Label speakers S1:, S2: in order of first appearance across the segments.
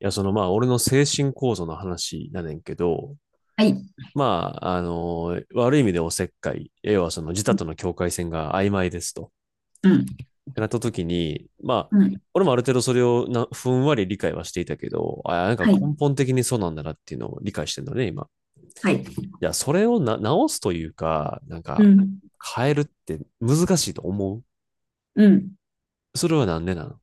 S1: や、まあ、俺の精神構造の話やねんけど、
S2: はい。
S1: まあ、悪い意味でおせっかい、要はその自他との境界線が曖昧ですと。
S2: うん。
S1: ってなった時に、まあ、
S2: うん。
S1: 俺もある程度それをふんわり理解はしていたけど、あ、なんか
S2: はい。
S1: 根本的にそうなんだなっていうのを理解してんだね、今。
S2: はい。
S1: いや、それを直すというか、なん
S2: う
S1: か、
S2: ん。
S1: 変えるって難しいと思う。
S2: うん。
S1: それはなんでなの？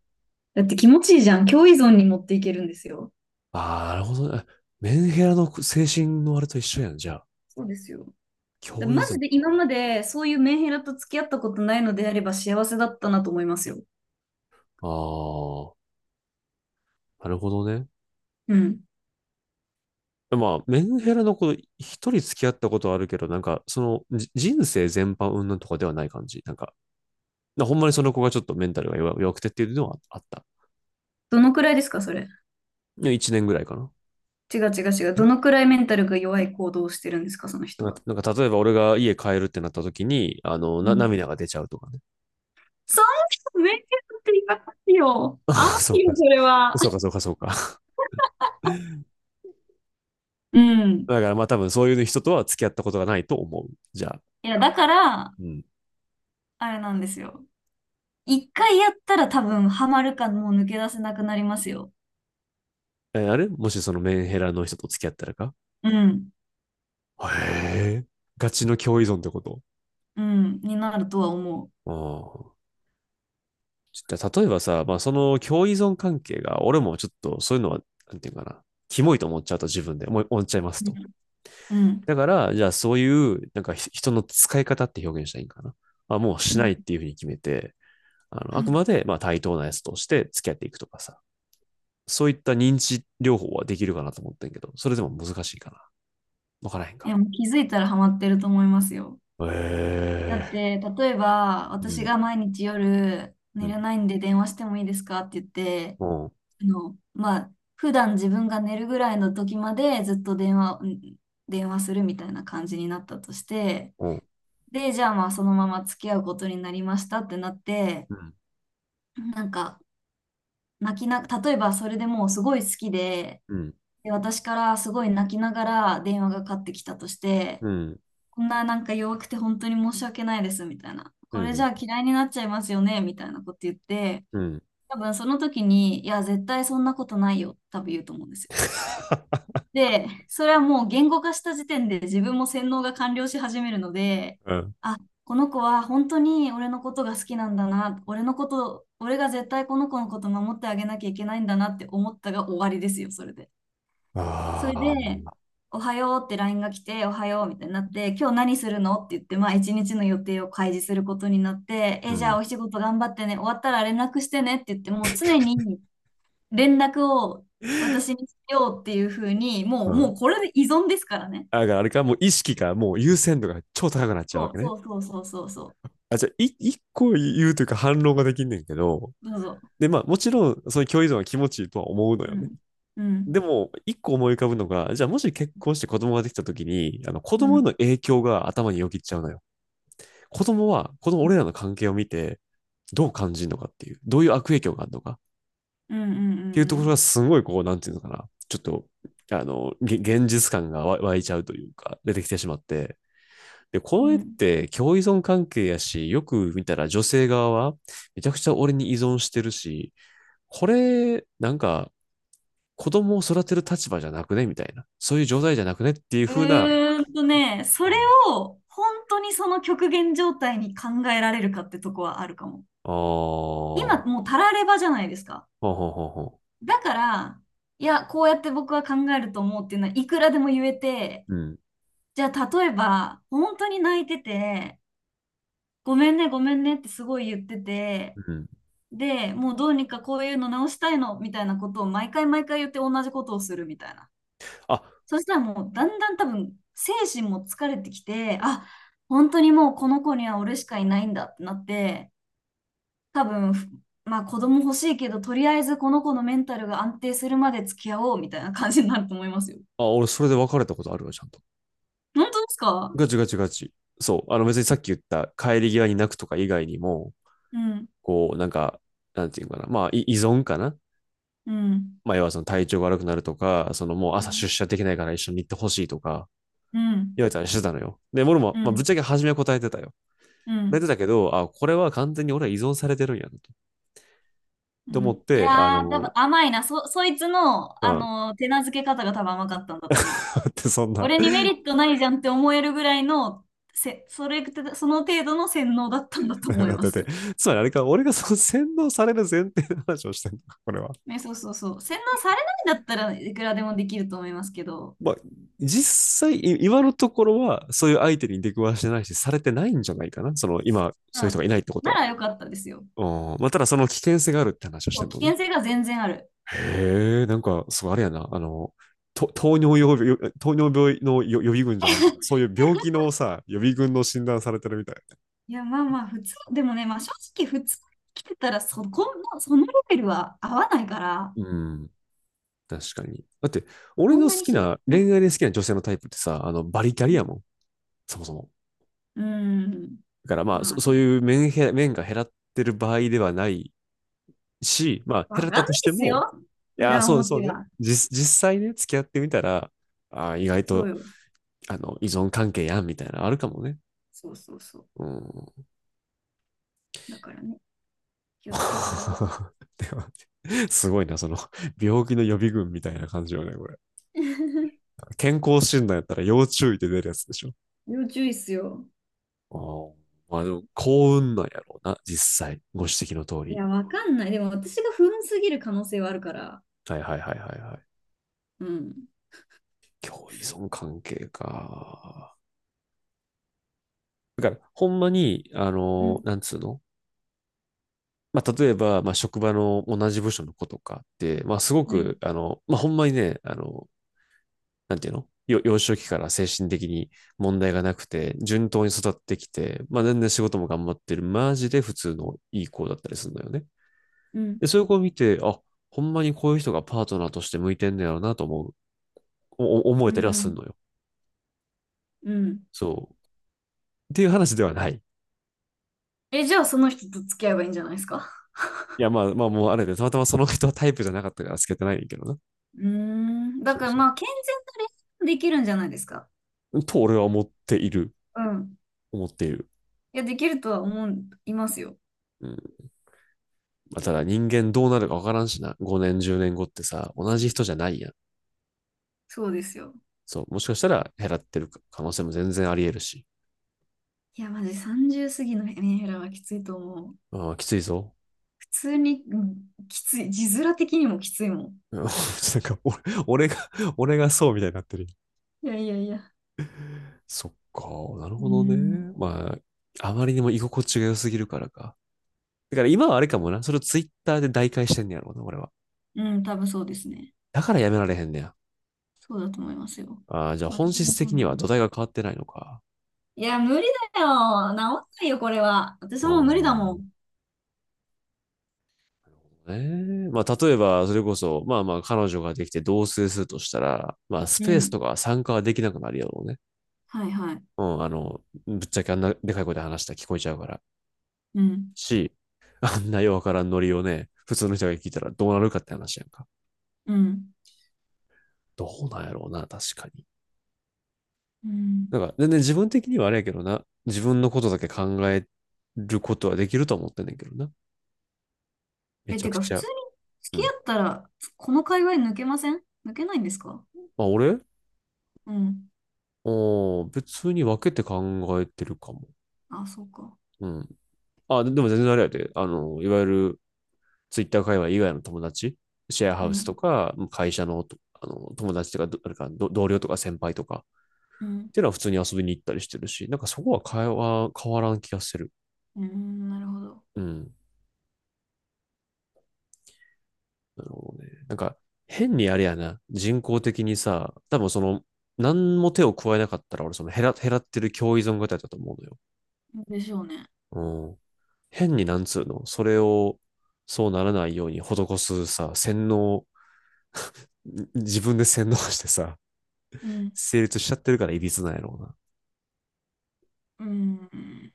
S2: だって気持ちいいじゃん。強依存に持っていけるんですよ。
S1: ああ、なるほどね。メンヘラの精神のあれと一緒やん、じゃあ。
S2: そうですよ。だ
S1: 教依
S2: マ
S1: 存
S2: ジで今
S1: か。
S2: までそういうメンヘラと付き合ったことないのであれば幸せだったなと思いますよ。
S1: ああ。なるほどね。
S2: うん。
S1: まあ、メンヘラの子、一人付き合ったことはあるけど、なんか、人生全般云々とかではない感じ。なんか、ほんまにその子がちょっとメンタルが弱くてっていうのはあった。
S2: どのくらいですか、それ。
S1: 1年ぐらいかな。
S2: 違う違う違う。どのくらいメンタルが弱い行動をしてるんですか、その人
S1: なん
S2: は。
S1: か、例えば俺が家帰るってなった時に、
S2: うん。
S1: 涙が出ちゃうとかね。
S2: そんなメンヘラって言いますよ。
S1: あ
S2: 甘
S1: そう
S2: い
S1: か。
S2: よ、それは。
S1: そうか、そうか、そうか。
S2: うん。
S1: だからまあ多分そういう人とは付き合ったことがないと思う。じゃあ。
S2: いや、だから、
S1: うん。
S2: あれなんですよ。一回やったら多分ハマるかもう抜け出せなくなりますよ。
S1: あれ、もしそのメンヘラの人と付き合ったらか？
S2: うん。
S1: へえ。ガチの共依存ってこと？
S2: うん。になるとは思
S1: ああ。例えばさ、まあ、その共依存関係が、俺もちょっとそういうのは、なんていうかな、キモいと思っちゃうと自分で思っちゃいます
S2: う。
S1: と。
S2: うん。うん。
S1: だから、じゃあそういう、なんか人の使い方って表現したらいいんかな。まあ、もう
S2: う
S1: しな
S2: ん、
S1: いっていうふうに決めて、あくまでまあ対等なやつとして付き合っていくとかさ、そういった認知療法はできるかなと思ってんけど、それでも難しいかな。わからへん
S2: い
S1: か。
S2: や、もう気づいたらハマってると思いますよ。だっ
S1: ええ
S2: て、例えば、
S1: ー、う
S2: 私
S1: ん、
S2: が毎日夜
S1: う
S2: 寝
S1: ん、
S2: れないんで電話してもいいですかって言って、
S1: うん、
S2: まあ、普段自分が寝るぐらいの時までずっと電話、うん、電話するみたいな感じになったとして、
S1: うん、
S2: で、じゃあまあそのまま付き合うことになりましたってなって、
S1: うん、
S2: なんか、泣きな、例えばそれでもうすごい好きで、
S1: うん、
S2: で、私からすごい泣きながら電話がかかってきたとして、
S1: うん、
S2: こんな弱くて本当に申し訳ないですみたいな。これじゃあ嫌いになっちゃいますよねみたいなこと言って、
S1: うん、
S2: 多分その時に、いや、絶対そんなことないよ、多分言うと思うんですよ。で、それはもう言語化した時点で自分も洗脳が完了し始めるので、
S1: うん。
S2: あ、この子は本当に俺のことが好きなんだな、俺のこと、俺が絶対この子のこと守ってあげなきゃいけないんだなって思ったが終わりですよ、それで。そ
S1: あ
S2: れで、
S1: あ、
S2: おはようってラインが来て、おはようみたいになって、今日何するのって言って、まあ一日の予定を開示することになって、
S1: う
S2: え、じゃあ
S1: ん。
S2: お仕事頑張ってね、終わったら連絡してねって言って、もう常に連絡を私にしようっていうふうに、も
S1: う
S2: う、もう
S1: ん。
S2: これで依存ですからね。
S1: だからあれか、もう意識か、もう優先度が超高くなっちゃう
S2: そ
S1: わけ
S2: う、
S1: ね。
S2: そうそうそうそうそ
S1: あ、じゃあ、一個言うというか反論ができんねんけど、
S2: う。どうぞ。
S1: で、まあ、もちろん、その共依存は気持ちいいとは思うの
S2: う
S1: よね。
S2: ん。う
S1: で
S2: ん。
S1: も、一個思い浮かぶのが、じゃあ、もし結婚して子供ができた時に、子
S2: う
S1: 供への
S2: ん。
S1: 影響が頭によぎっちゃうのよ。子供は、この俺らの関係を見て、どう感じるのかっていう、どういう悪影響があるのかっ
S2: うんうん
S1: ていうと
S2: う
S1: ころ
S2: ん
S1: が、すごい、こう、なんていうのかな、ちょっと、現実感が湧いちゃうというか、出てきてしまって、で、
S2: う
S1: こ
S2: ん。
S1: れ
S2: う
S1: っ
S2: ん。
S1: て共依存関係やし、よく見たら女性側はめちゃくちゃ俺に依存してるし、これ、なんか子供を育てる立場じゃなくねみたいな。そういう状態じゃなくねっていう
S2: う
S1: 風な、
S2: ーんとね、そ
S1: う
S2: れ
S1: ん。
S2: を本当にその極限状態に考えられるかってとこはあるかも。
S1: ああ、
S2: 今
S1: ほ
S2: もうたらればじゃないですか。
S1: うほうほうほ
S2: だから、いや、こうやって僕は考えると思うっていうのはいくらでも言えて、
S1: う。うん。
S2: じゃあ例えば本当に泣いてて、ごめんね、ごめんねってすごい言ってて、
S1: うん。
S2: で、もうどうにかこういうの直したいのみたいなことを毎回毎回言って同じことをするみたいな。
S1: あ、
S2: そしたらもうだんだん多分精神も疲れてきて、あ、本当にもうこの子には俺しかいないんだってなって、多分、まあ子供欲しいけど、とりあえずこの子のメンタルが安定するまで付き合おうみたいな感じになると思いますよ。
S1: 俺それで別れたことあるわ、ちゃんと。
S2: 本当ですか。
S1: ガチガチガチ。そう。あの別にさっき言った帰り際に泣くとか以外にも、
S2: うん、
S1: こう、なんか、なんていうのかな。まあ、依存かな。
S2: うん、
S1: まあ、要はその体調が悪くなるとか、そのもう
S2: う
S1: 朝
S2: ん、
S1: 出社できないから一緒に行ってほしいとか、
S2: うん、
S1: 言われたりしてたのよ。で、俺
S2: う
S1: も、まあ、ぶっ
S2: ん、
S1: ちゃけ初めは答えてたよ。
S2: う
S1: 答えて
S2: ん。
S1: たけど、あ、これは完全に俺は依存されてるんやなと。
S2: う
S1: と思っ
S2: ん。い
S1: て、あ
S2: やー、多分
S1: の、
S2: 甘いな。そ、そいつの、
S1: うん。
S2: 手なずけ方が多分甘かったんだと思う。
S1: だってそんな、
S2: 俺にメ リットないじゃんって思えるぐらいの、せ、それ、その程度の洗脳だったんだと思いま
S1: だっ
S2: す
S1: て、
S2: よ。
S1: つまりあれか、俺がその洗脳される前提の話をしてるのか、これは。
S2: ね、そうそうそう。洗脳されないんだったらいくらでもできると思いますけど、
S1: まあ、実際、今のところは、そういう相手に出くわしてないし、されてないんじゃないかな。その、今、そういう
S2: う
S1: 人が
S2: ん。
S1: いないってこと
S2: な
S1: は。
S2: らよかったですよ。
S1: うん。まあ、ただその危険性があるって話をし
S2: そ
S1: て
S2: う、
S1: る
S2: 危
S1: のね。
S2: 険性が全然ある。
S1: へえ、なんか、そう、あれやな、あの、と糖尿病、よ糖尿病の予備軍じゃないけど、そういう病気 のさ、予備軍の診断されてるみたい。
S2: いや、まあまあ、普通、でもね、まあ正直、普通に来てたらそ、このそのレベルは合わないから、
S1: うん、確かに。だって、俺
S2: そ
S1: の
S2: んな
S1: 好
S2: に
S1: き
S2: し
S1: な、
S2: なく
S1: 恋
S2: て
S1: 愛で
S2: も。
S1: 好きな女性のタイプってさ、あの、バリキャ
S2: う
S1: リ
S2: ん
S1: やもん、そもそも。
S2: うん。
S1: だからまあ、
S2: まあ
S1: そう
S2: ね、
S1: いう面が減らってる場合ではないし、まあ、
S2: わ
S1: 減らっ
S2: か
S1: た
S2: ん
S1: と
S2: ない
S1: し
S2: で
S1: て
S2: す
S1: も、
S2: よ。
S1: いやー、
S2: 裏
S1: そうそ
S2: 表
S1: うね。
S2: は。
S1: 実際ね、付き合ってみたら、あー意外
S2: そう
S1: と、
S2: よ。
S1: あの、依存関係やん、みたいな、あるかもね。
S2: そうそうそう。
S1: うん。
S2: だからね、気をつけてください。
S1: でもすごいな、その、病気の予備軍みたいな感じよね、これ。健康診断やったら要注意で出るやつでしょ。
S2: 要注意っすよ。
S1: あまあでも、幸運なんやろうな、実際。ご指摘の通
S2: い
S1: り。
S2: や、わかんない。でも私が不運すぎる可能性はあるから。
S1: はいはいはいはいは
S2: うん。
S1: い。共依存関係か。だから、ほんまに、あ
S2: う
S1: の、
S2: ん。
S1: なんつうの。まあ、例えば、まあ、職場の同じ部署の子とかって、まあ、すご
S2: はい。
S1: く、あの、まあ、ほんまにね、あの、なんていうの。幼少期から精神的に問題がなくて、順当に育ってきて、まあ全然仕事も頑張ってる、マジで普通のいい子だったりするのよね。
S2: うん。
S1: で、そういう子を見て、あ、ほんまにこういう人がパートナーとして向いてんねやろうなと思う、思
S2: う
S1: えたりはす
S2: ん。
S1: るのよ。
S2: うん。
S1: そう。っていう話ではない。
S2: え、じゃあその人と付き合えばいいんじゃないですか？
S1: いや、まあまあもうあれで、たまたまその人はタイプじゃなかったからつけてないんだけどな。
S2: うーん。だ
S1: そ
S2: か
S1: う
S2: ら
S1: そ
S2: まあ、健全な恋愛もできるんじゃないですか。
S1: う。と俺は思っている。
S2: うん。
S1: 思っている。
S2: いや、できるとは思う、いますよ。
S1: うん。まあ、ただ人間どうなるかわからんしな。5年、10年後ってさ、同
S2: そう、
S1: じ人じゃないやん。
S2: そうですよ。
S1: そう、もしかしたら減らってる可能性も全然あり得るし。
S2: いや、マジ30過ぎのメンヘラはきついと思う。
S1: ああ、きついぞ。
S2: 普通に、うん、きつい。字面的にもきついもん。
S1: なんか俺、俺が、俺がそうみたいになってる。
S2: いやいやいや。
S1: そっか、なる
S2: う
S1: ほど
S2: ん、
S1: ね。まあ、あまりにも居心地が良すぎるからか。だから今はあれかもな。それをツイッターで代替してんねやろうな、俺は。
S2: うん、多分そうですね。
S1: だからやめられへんねや。
S2: そうだと思いますよ。
S1: ああ、じゃあ
S2: 私
S1: 本
S2: も
S1: 質
S2: そう
S1: 的
S2: な
S1: に
S2: ん
S1: は
S2: で。
S1: 土台が変わってないのか。
S2: いや、無理だよ。治んないよ、これは。私
S1: う
S2: もう無理
S1: ー
S2: だも
S1: ん。
S2: ん。
S1: ね。まあ、例えば、それこそ、まあまあ、彼女ができて同棲するとしたら、まあ、ス
S2: う
S1: ペースと
S2: ん。
S1: か参加はできなくなるやろうね。
S2: はいはい。
S1: うん、あの、ぶっちゃけあんなでかい声で話したら聞こえちゃうから。
S2: うん。
S1: し、あんなようわからんノリをね、普通の人が聞いたらどうなるかって話やんか。
S2: うん。
S1: どうなんやろうな、確かに。
S2: う
S1: だ
S2: ん。
S1: から、全然自分的にはあれやけどな、自分のことだけ考えることはできると思ってんねんけどな。め
S2: え、
S1: ちゃ
S2: て
S1: く
S2: か、普
S1: ちゃ。
S2: 通に
S1: う
S2: 付き合
S1: ん。
S2: ったら、この界隈抜けません、抜けないんですか？
S1: まあ、俺
S2: うん。
S1: 別に分けて考えてるかも。
S2: あ、そうか。
S1: うん。あ、でも全然あれやで。あの、いわゆるツイッター界隈以外の友達、シェア
S2: う
S1: ハウスと
S2: ん。
S1: か、会社のあの友達とかあれか同僚とか先輩とか、
S2: うん。
S1: っていうのは普通に遊びに行ったりしてるし、なんかそこは会話変わらん気がする。
S2: うん、なるほど。
S1: うん。なるほどね。なんか変にあれやな、人工的にさ、多分その、何も手を加えなかったら俺その減らってる共依存型だと思うのよ。
S2: でしょうね。
S1: うん。変になんつうの、それをそうならないように施すさ、洗脳、自分で洗脳してさ、
S2: うん、
S1: 成立しちゃってるからいびつなんやろうな。
S2: うん、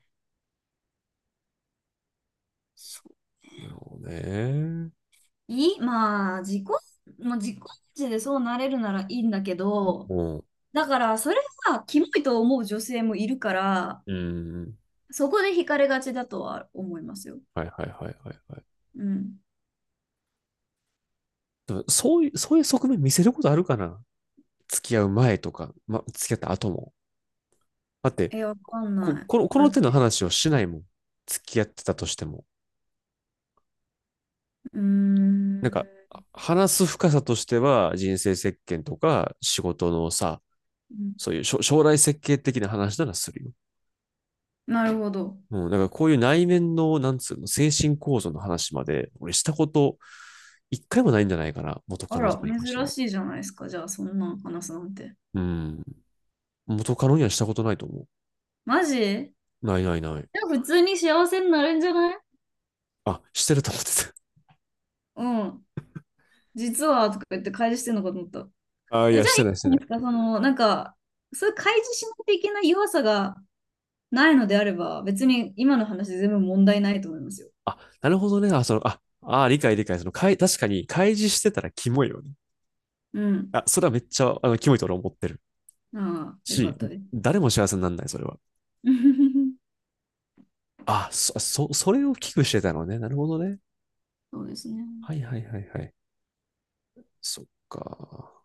S2: そう、
S1: なるほどね。
S2: いい、まあ、自己、まあ、自己値でそうなれるならいいんだけど、
S1: も
S2: だから、それがキモいと思う女性もいるから、
S1: うん、うん。
S2: そこで惹かれがちだとは思いますよ。
S1: はいはいはいはいはい。
S2: うん。
S1: でもそういう、そういう側面見せることあるかな？付き合う前とか、ま、付き合った後も。だって、
S2: え、わかんな
S1: の、
S2: い。
S1: こ
S2: だ
S1: の
S2: っ
S1: 手の
S2: て、
S1: 話をしないもん。付き合ってたとしても。
S2: うー
S1: なんか、
S2: ん、
S1: 話す深さとしては、人生設計とか、仕事のさ、
S2: うん、
S1: そういう将来設計的な話ならするよ。
S2: なるほど。
S1: うん、だからこういう内面の、なんつうの、精神構造の話まで、俺したこと、一回もないんじゃないかな。元カ
S2: あ
S1: ノと
S2: ら、
S1: かに関して
S2: 珍
S1: は。
S2: しいじゃないですか。じゃあ、そんなん話すなんて。
S1: うん。元カノにはしたことないと思
S2: マジじ
S1: う。ないないない。
S2: ゃあ、普通に幸せになるんじゃない？
S1: あ、してると思って
S2: うん。実は、とか言って開示してんのかと思った。
S1: た。あ、い
S2: え、
S1: や、
S2: じゃ
S1: し
S2: あいい
S1: てな
S2: じ
S1: いし
S2: ゃ
S1: て
S2: な
S1: な
S2: いですか、
S1: い。
S2: その、そういう開示しないといけない弱さがないのであれば、別に今の話全部問題ないと思いますよ。
S1: あ、なるほどね。あ、その、理解理解。その、確かに、開示してたらキモいよね。
S2: うん。
S1: あ、それはめっちゃ、あの、キモいと俺思ってる。
S2: ああ、よか
S1: し、
S2: ったです。
S1: 誰も幸せにならない、それは。あ、それを危惧してたのね。なるほどね。
S2: そうですね。
S1: はいはいはいはい。そっか。